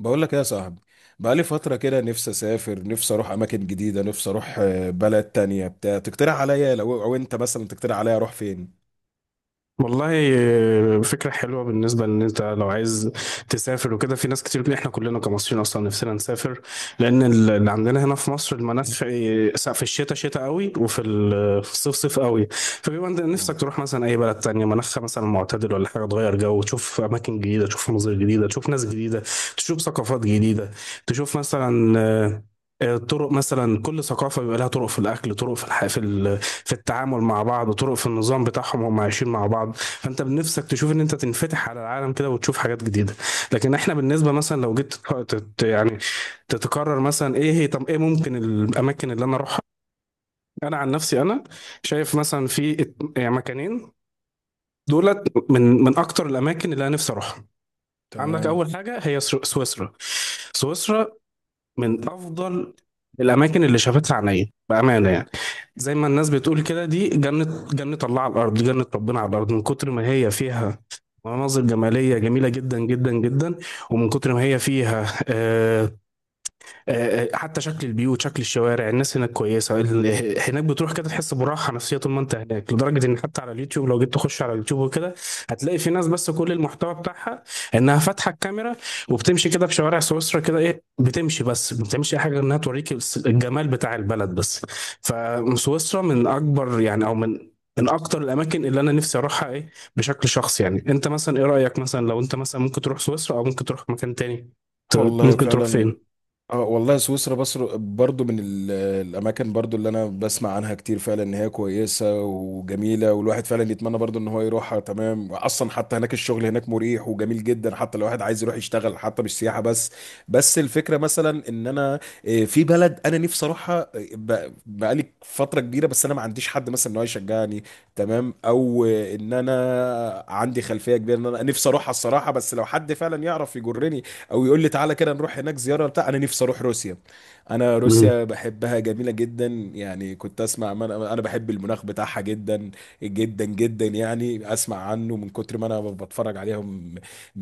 بقول لك ايه يا صاحبي. بقالي فترة كده، نفسي اسافر، نفسي اروح اماكن جديدة، نفسي اروح بلد تانية. بتاع تقترح عليا، لو او انت مثلا تقترح عليا اروح فين؟ والله فكرة حلوة. بالنسبة ان انت لو عايز تسافر وكده، في ناس كتير. احنا كلنا كمصريين اصلا نفسنا نسافر، لان اللي عندنا هنا في مصر المناخ، في الشتاء شتاء قوي، وفي ال- في الصيف صيف قوي. فبيبقى انت تمام نفسك تروح مثلا اي بلد تانية مناخها مثلا معتدل، ولا حاجة تغير جو، تشوف اماكن جديدة، تشوف مناظر جديدة، تشوف ناس جديدة، تشوف ثقافات جديدة، تشوف مثلا طرق. مثلا كل ثقافة بيبقى لها طرق في الأكل، طرق في التعامل مع بعض، وطرق في النظام بتاعهم هم عايشين مع بعض. فانت بنفسك تشوف ان انت تنفتح على العالم كده، وتشوف حاجات جديده. لكن احنا بالنسبه مثلا لو جيت يعني تتكرر مثلا، ايه هي؟ طب ايه ممكن الاماكن اللي انا اروحها؟ انا عن نفسي، انا شايف مثلا في يعني مكانين، دولت من اكتر الاماكن اللي انا نفسي اروحها. عندك تمام. اول حاجه هي سويسرا. سويسرا من افضل الاماكن اللي شافتها عينيا، بامانه يعني. زي ما الناس بتقول كده، دي جنه، جنه الله على الارض، جنه ربنا على الارض، من كتر ما هي فيها مناظر جماليه جميله جدا جدا جدا، ومن كتر ما هي فيها حتى شكل البيوت، شكل الشوارع، الناس هناك كويسه. هناك بتروح كده تحس براحه نفسيه طول ما انت هناك، لدرجه ان حتى على اليوتيوب، لو جيت تخش على اليوتيوب وكده هتلاقي في ناس بس كل المحتوى بتاعها انها فاتحه الكاميرا، وبتمشي كده في شوارع سويسرا كده، ايه، بتمشي، بس ما بتعملش اي حاجه غير انها توريك الجمال بتاع البلد بس. فسويسرا من اكبر يعني، او من اكتر الاماكن اللي انا نفسي اروحها، ايه، بشكل شخصي يعني. انت مثلا ايه رايك؟ مثلا لو انت مثلا ممكن تروح سويسرا، او ممكن تروح مكان تاني؟ والله ممكن تروح فعلا. فين؟ اه والله سويسرا بصر برضو الاماكن برضو اللي انا بسمع عنها كتير، فعلا ان هي كويسه وجميله، والواحد فعلا يتمنى برضو ان هو يروحها. تمام. اصلا حتى هناك الشغل هناك مريح وجميل جدا، حتى لو واحد عايز يروح يشتغل، حتى مش سياحه بس. بس الفكره مثلا ان انا في بلد انا نفسي اروحها، بقالي فتره كبيره، بس انا ما عنديش حد مثلا ان هو يشجعني. تمام. او ان انا عندي خلفيه كبيره ان انا نفسي اروحها الصراحه، بس لو حد فعلا يعرف يجرني او يقول لي تعالى كده نروح هناك زياره بتاع، انا نفسي اروح روسيا. انا روسيا بحبها، جميله جدا يعني. كنت اسمع، ما انا أنا بحب المناخ بتاعها جدا جدا جدا، يعني اسمع عنه من كتر ما انا بتفرج عليهم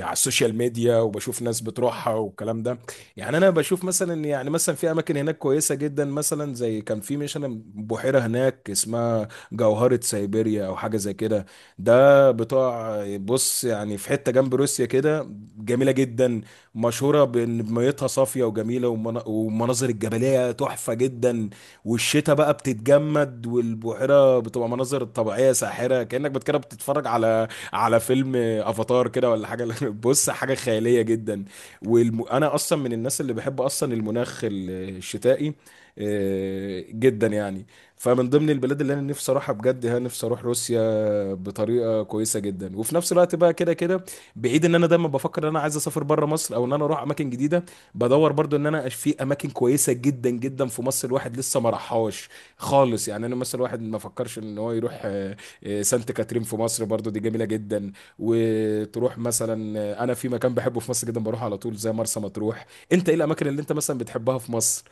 على السوشيال ميديا وبشوف ناس بتروحها والكلام ده. يعني انا بشوف مثلا، يعني مثلا في اماكن هناك كويسه جدا، مثلا زي كان في مثلا بحيره هناك اسمها جوهره سيبيريا او حاجه زي كده. ده بتاع، بص يعني في حته جنب روسيا كده، جميله جدا، مشهورة بإن ميتها صافية وجميلة، والمناظر الجبلية تحفة جدا. والشتاء بقى بتتجمد، والبحيرة بتبقى مناظر طبيعية ساحرة، كده بتتفرج على فيلم افاتار كده ولا حاجة. بص حاجة خيالية جدا. وانا اصلا من الناس اللي بحب اصلا المناخ الشتائي جدا يعني. فمن ضمن البلاد اللي انا نفسي اروحها بجد، ها، نفسي اروح روسيا بطريقه كويسه جدا. وفي نفس الوقت بقى كده كده، بعيد ان انا دايما بفكر ان انا عايز اسافر بره مصر او ان انا اروح اماكن جديده، بدور برضو ان انا في اماكن كويسه جدا جدا في مصر الواحد لسه ما راحهاش خالص. يعني انا مثلا الواحد ما فكرش ان هو يروح سانت كاترين. في مصر برضو دي جميله جدا. وتروح مثلا انا في مكان بحبه في مصر جدا، بروح على طول زي مرسى مطروح. انت ايه الاماكن اللي انت مثلا بتحبها في مصر؟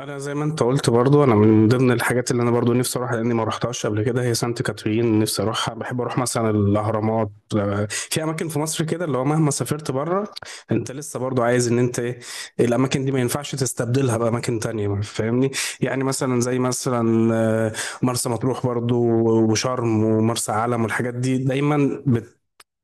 انا زي ما انت قلت برضو، انا من ضمن الحاجات اللي انا برضو نفسي اروحها لاني ما رحتهاش قبل كده هي سانت كاترين، نفسي اروحها. بحب اروح مثلا الاهرامات. في اماكن في مصر كده اللي هو مهما سافرت بره، انت لسه برضو عايز ان انت، ايه، الاماكن دي ما ينفعش تستبدلها باماكن تانية، فاهمني؟ يعني مثلا زي مثلا مرسى مطروح برضو، وشرم، ومرسى علم، والحاجات دي دايما.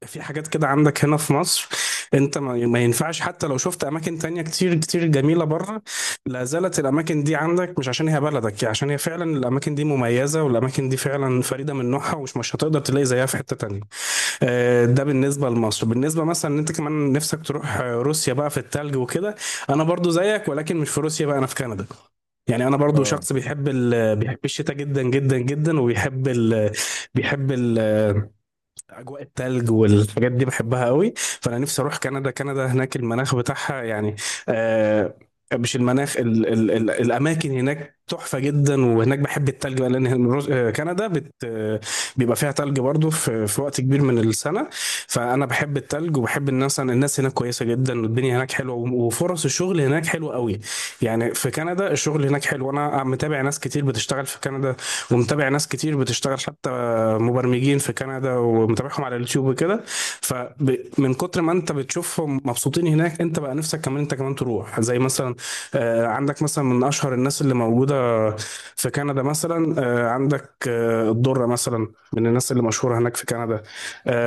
في حاجات كده عندك هنا في مصر انت ما ينفعش. حتى لو شفت اماكن تانية كتير كتير جميلة بره، لا زالت الاماكن دي عندك، مش عشان هي بلدك يعني، عشان هي فعلا الاماكن دي مميزة، والاماكن دي فعلا فريدة من نوعها، ومش مش هتقدر تلاقي زيها في حتة تانية. ده بالنسبة لمصر. بالنسبة مثلا ان انت كمان نفسك تروح روسيا بقى في التلج وكده، انا برضو زيك، ولكن مش في روسيا بقى، انا في كندا. يعني انا برضو اه شخص بيحب الشتاء جدا جدا جدا، وبيحب بيحب ال... اجواء التلج والحاجات دي، بحبها قوي. فانا نفسي اروح كندا. كندا هناك المناخ بتاعها يعني، آه مش المناخ، ال ال ال الاماكن هناك تحفه جدا. وهناك بحب التلج بقى، لان الروز- آه، كندا بت آه، بيبقى فيها تلج برضو في وقت كبير من السنه. فانا بحب التلج وبحب الناس. الناس هناك كويسه جدا، والدنيا هناك حلوه، وفرص الشغل هناك حلوه قوي. يعني في كندا الشغل هناك حلو، انا متابع ناس كتير بتشتغل في كندا، ومتابع ناس كتير بتشتغل حتى مبرمجين في كندا، ومتابعهم على اليوتيوب وكده. فمن كتر ما انت بتشوفهم مبسوطين هناك، انت بقى نفسك كمان، انت كمان تروح. زي مثلا عندك مثلا من اشهر الناس اللي موجوده في كندا، مثلا عندك الدره مثلا، من الناس اللي مشهوره هناك في كندا.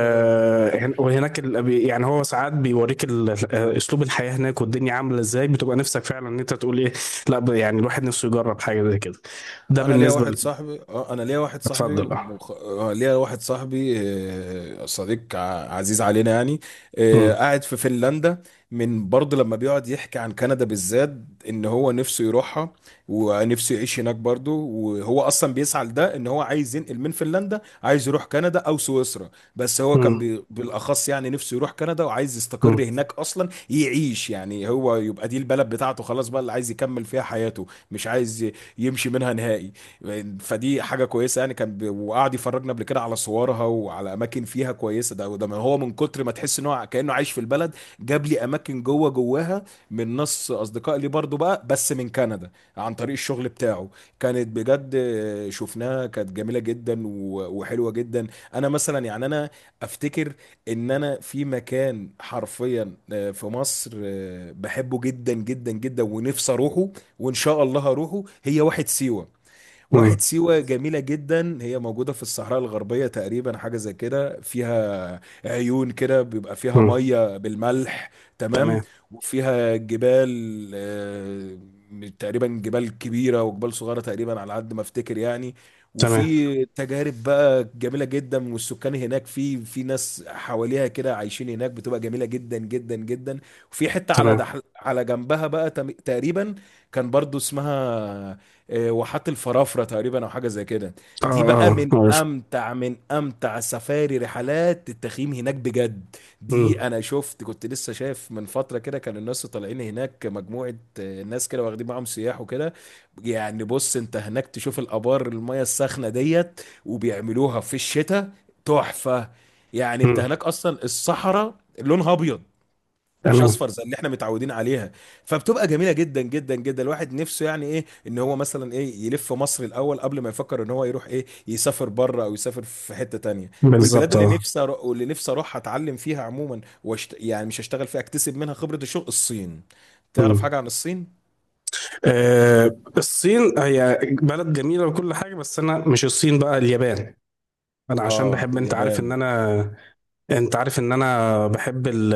اه. هن- وهناك يعني هو ساعات بيوريك اسلوب الحياه هناك والدنيا عامله ازاي، بتبقى نفسك فعلا ان انت تقول ايه. لا، يعني الواحد نفسه يجرب حاجه زي كده. ده انا ليا بالنسبه واحد صاحبي، انا ليا واحد صاحبي اتفضل، اه. مخ... آه، ليا واحد صاحبي، صديق عزيز علينا يعني، مم. قاعد في فنلندا. من برضه لما بيقعد يحكي عن كندا بالذات، ان هو نفسه يروحها ونفسه يعيش هناك برضه. وهو اصلا بيسعى لده، ان هو عايز ينقل من فنلندا، عايز يروح كندا او سويسرا. بس هو كان مم. بالاخص يعني نفسه يروح كندا، وعايز مم. يستقر هناك اصلا يعيش، يعني هو يبقى دي البلد بتاعته خلاص بقى اللي عايز يكمل فيها حياته. مش عايز يمشي منها نهائي. فدي حاجه كويسه يعني. كان وقعد يفرجنا قبل كده على صورها وعلى اماكن فيها كويسه، ده ما هو من كتر ما تحس ان هو كانه عايش في البلد. جاب لي اماكن جوه جواها من ناس اصدقاء لي برضو بقى، بس من كندا، عن طريق الشغل بتاعه. كانت بجد، شفناها كانت جميله جدا و- وحلوه جدا. انا مثلا يعني، انا افتكر ان انا في مكان حرفيا في مصر بحبه جدا جدا جدا ونفسي اروحه، وان شاء الله هروحه، هي واحد سيوه. واحد مم. سيوة جميلة جدا. هي موجودة في الصحراء الغربية تقريبا، حاجة زي كده، فيها عيون كده بيبقى فيها مم. مية بالملح. تمام. تمام. وفيها جبال تقريبا جبال كبيرة وجبال صغيرة تقريبا، على قد ما افتكر يعني. تمام. وفي تجارب بقى جميلة جدا، والسكان هناك، في ناس حواليها كده عايشين هناك، بتبقى جميلة جدا جدا جدا. وفي حتة على تمام. دحل على جنبها بقى، تقريبا كان برضو اسمها، واحات الفرافره تقريبا او حاجه زي كده. اه، دي بقى اه، من عارف. امتع، من امتع سفاري رحلات التخييم هناك بجد. دي مم. انا شفت، كنت لسه شايف من فتره كده، كان الناس طالعين هناك مجموعه ناس كده واخدين معاهم سياح وكده. يعني بص، انت هناك تشوف الابار، الميه الساخنه ديت، وبيعملوها في الشتاء، تحفه. يعني انت مم. هناك اصلا الصحراء لونها ابيض، مش تمام. اصفر زي اللي احنا متعودين عليها، فبتبقى جميله جدا جدا جدا. الواحد نفسه يعني ايه، ان هو مثلا ايه، يلف مصر الاول قبل ما يفكر ان هو يروح ايه يسافر بره او يسافر في حته تانية. ومن البلاد بالظبط، اللي اه. واللي نفسي اروح اتعلم فيها عموما يعني مش هشتغل فيها، اكتسب منها خبره الشغل، الصين. تعرف مم. حاجه عن الصين؟ الصين هي بلد جميلة وكل حاجة، بس أنا مش الصين بقى، اليابان. أنا عشان اه بحب، اليابان. أنت عارف إن أنا بحب ال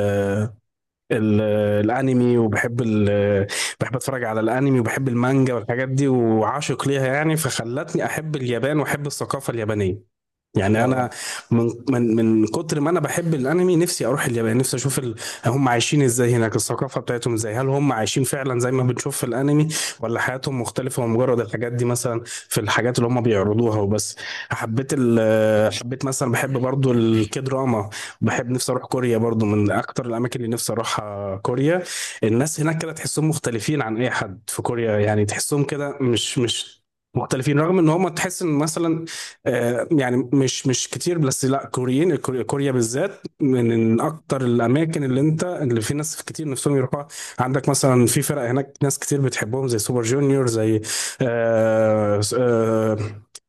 ال الأنمي، وبحب ال بحب أتفرج على الأنمي، وبحب المانجا والحاجات دي، وعاشق ليها يعني. فخلتني أحب اليابان وأحب الثقافة اليابانية. يعني انا اه من من من كتر ما انا بحب الانمي، نفسي اروح اليابان، نفسي اشوف هم عايشين ازاي هناك، الثقافه بتاعتهم ازاي، هل هم عايشين فعلا زي ما بنشوف في الانمي، ولا حياتهم مختلفه، ومجرد الحاجات دي مثلا في الحاجات اللي هم بيعرضوها وبس. حبيت مثلا، بحب برضو الكدراما. بحب، نفسي اروح كوريا برضو. من اكتر الاماكن اللي نفسي اروحها كوريا، الناس هناك كده تحسهم مختلفين عن اي حد. في كوريا يعني تحسهم كده مش مختلفين، رغم ان هم، تحس ان مثلا يعني مش كتير، بس لا كوريين. كوريا، كوريا بالذات من اكتر الاماكن اللي انت، اللي في ناس كتير نفسهم يروحوها. عندك مثلا في فرق هناك ناس كتير بتحبهم زي سوبر جونيور، زي آه،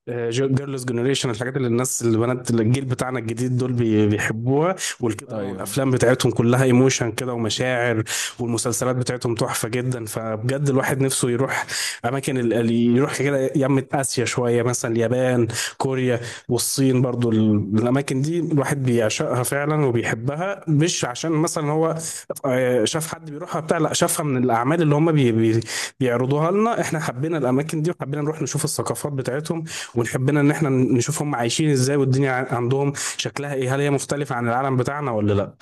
جيرلز جنريشن. الحاجات اللي الناس، اللي بنات، اللي الجيل بتاعنا الجديد دول بيحبوها، والكي دراما ايوه. والافلام بتاعتهم كلها ايموشن كده ومشاعر، والمسلسلات بتاعتهم تحفه جدا. فبجد الواحد نفسه يروح اماكن ال- ال- يروح كده يمة اسيا شويه، مثلا اليابان، كوريا، والصين برضو. الاماكن دي الواحد بيعشقها فعلا وبيحبها، مش عشان مثلا هو شاف حد بيروحها بتاع، لا، شافها من الاعمال اللي هم بي بي بيعرضوها لنا. احنا حبينا الاماكن دي، وحبينا نروح نشوف الثقافات بتاعتهم، ونحبنا ان احنا نشوفهم عايشين ازاي، والدنيا عندهم شكلها ايه، هل هي مختلفة عن العالم بتاعنا ولا لا.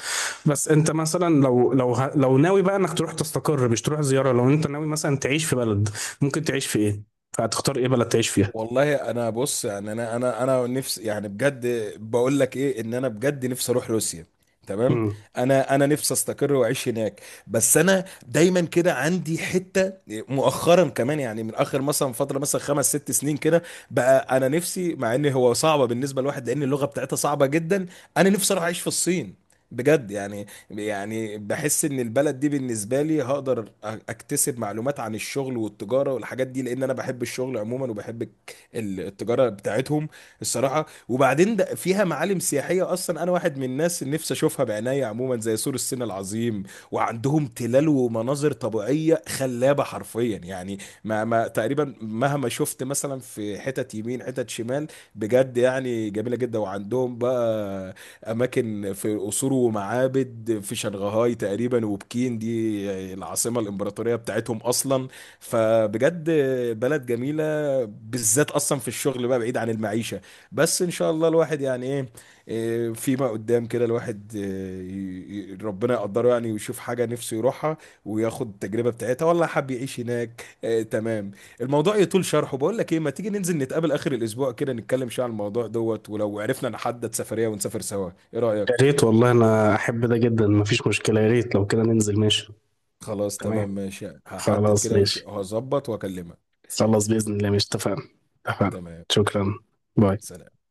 بس انت مثلا لو ناوي بقى انك تروح تستقر، مش تروح زيارة، لو انت ناوي مثلا تعيش في بلد، ممكن تعيش في ايه؟ فهتختار ايه بلد تعيش فيها؟ والله انا بص يعني، انا نفسي يعني بجد بقول لك ايه، ان انا بجد نفسي اروح روسيا. تمام. امم انا نفسي استقر واعيش هناك. بس انا دايما كده عندي حته مؤخرا كمان، يعني من اخر مثلا فتره مثلا 5 6 سنين كده، بقى انا نفسي، مع ان هو صعبه بالنسبه لواحد لان اللغه بتاعتها صعبه جدا، انا نفسي اروح اعيش في الصين. بجد يعني، يعني بحس ان البلد دي بالنسبه لي هقدر اكتسب معلومات عن الشغل والتجاره والحاجات دي، لان انا بحب الشغل عموما وبحب التجاره بتاعتهم الصراحه. وبعدين ده فيها معالم سياحيه، اصلا انا واحد من الناس اللي نفسي اشوفها بعناية عموما، زي سور الصين العظيم، وعندهم تلال ومناظر طبيعيه خلابه حرفيا يعني. ما تقريبا مهما شفت مثلا في حتت يمين حتت شمال، بجد يعني جميله جدا. وعندهم بقى اماكن في قصور ومعابد في شنغهاي تقريبا، وبكين دي العاصمه الامبراطوريه بتاعتهم اصلا. فبجد بلد جميله، بالذات اصلا في الشغل بقى بعيد عن المعيشه. بس ان شاء الله الواحد يعني ايه، فيما قدام كده الواحد ربنا يقدره يعني ويشوف حاجه نفسه يروحها وياخد التجربه بتاعتها، والله حب يعيش هناك تمام. الموضوع يطول شرحه. بقول لك ايه، ما تيجي ننزل نتقابل اخر الاسبوع كده، نتكلم شويه عن الموضوع دوت، ولو عرفنا نحدد سفريه ونسافر سوا، ايه يا ريت، رايك؟ والله انا احب ده جدا، مفيش مشكلة. يا ريت، لو كده ننزل، ماشي. خلاص تمام تمام. ماشي. هحدد خلاص كده ماشي. هظبط واكلمك. خلاص بإذن الله ماشي، اتفقنا. اتفقنا. تمام. شكرا. باي. سلام.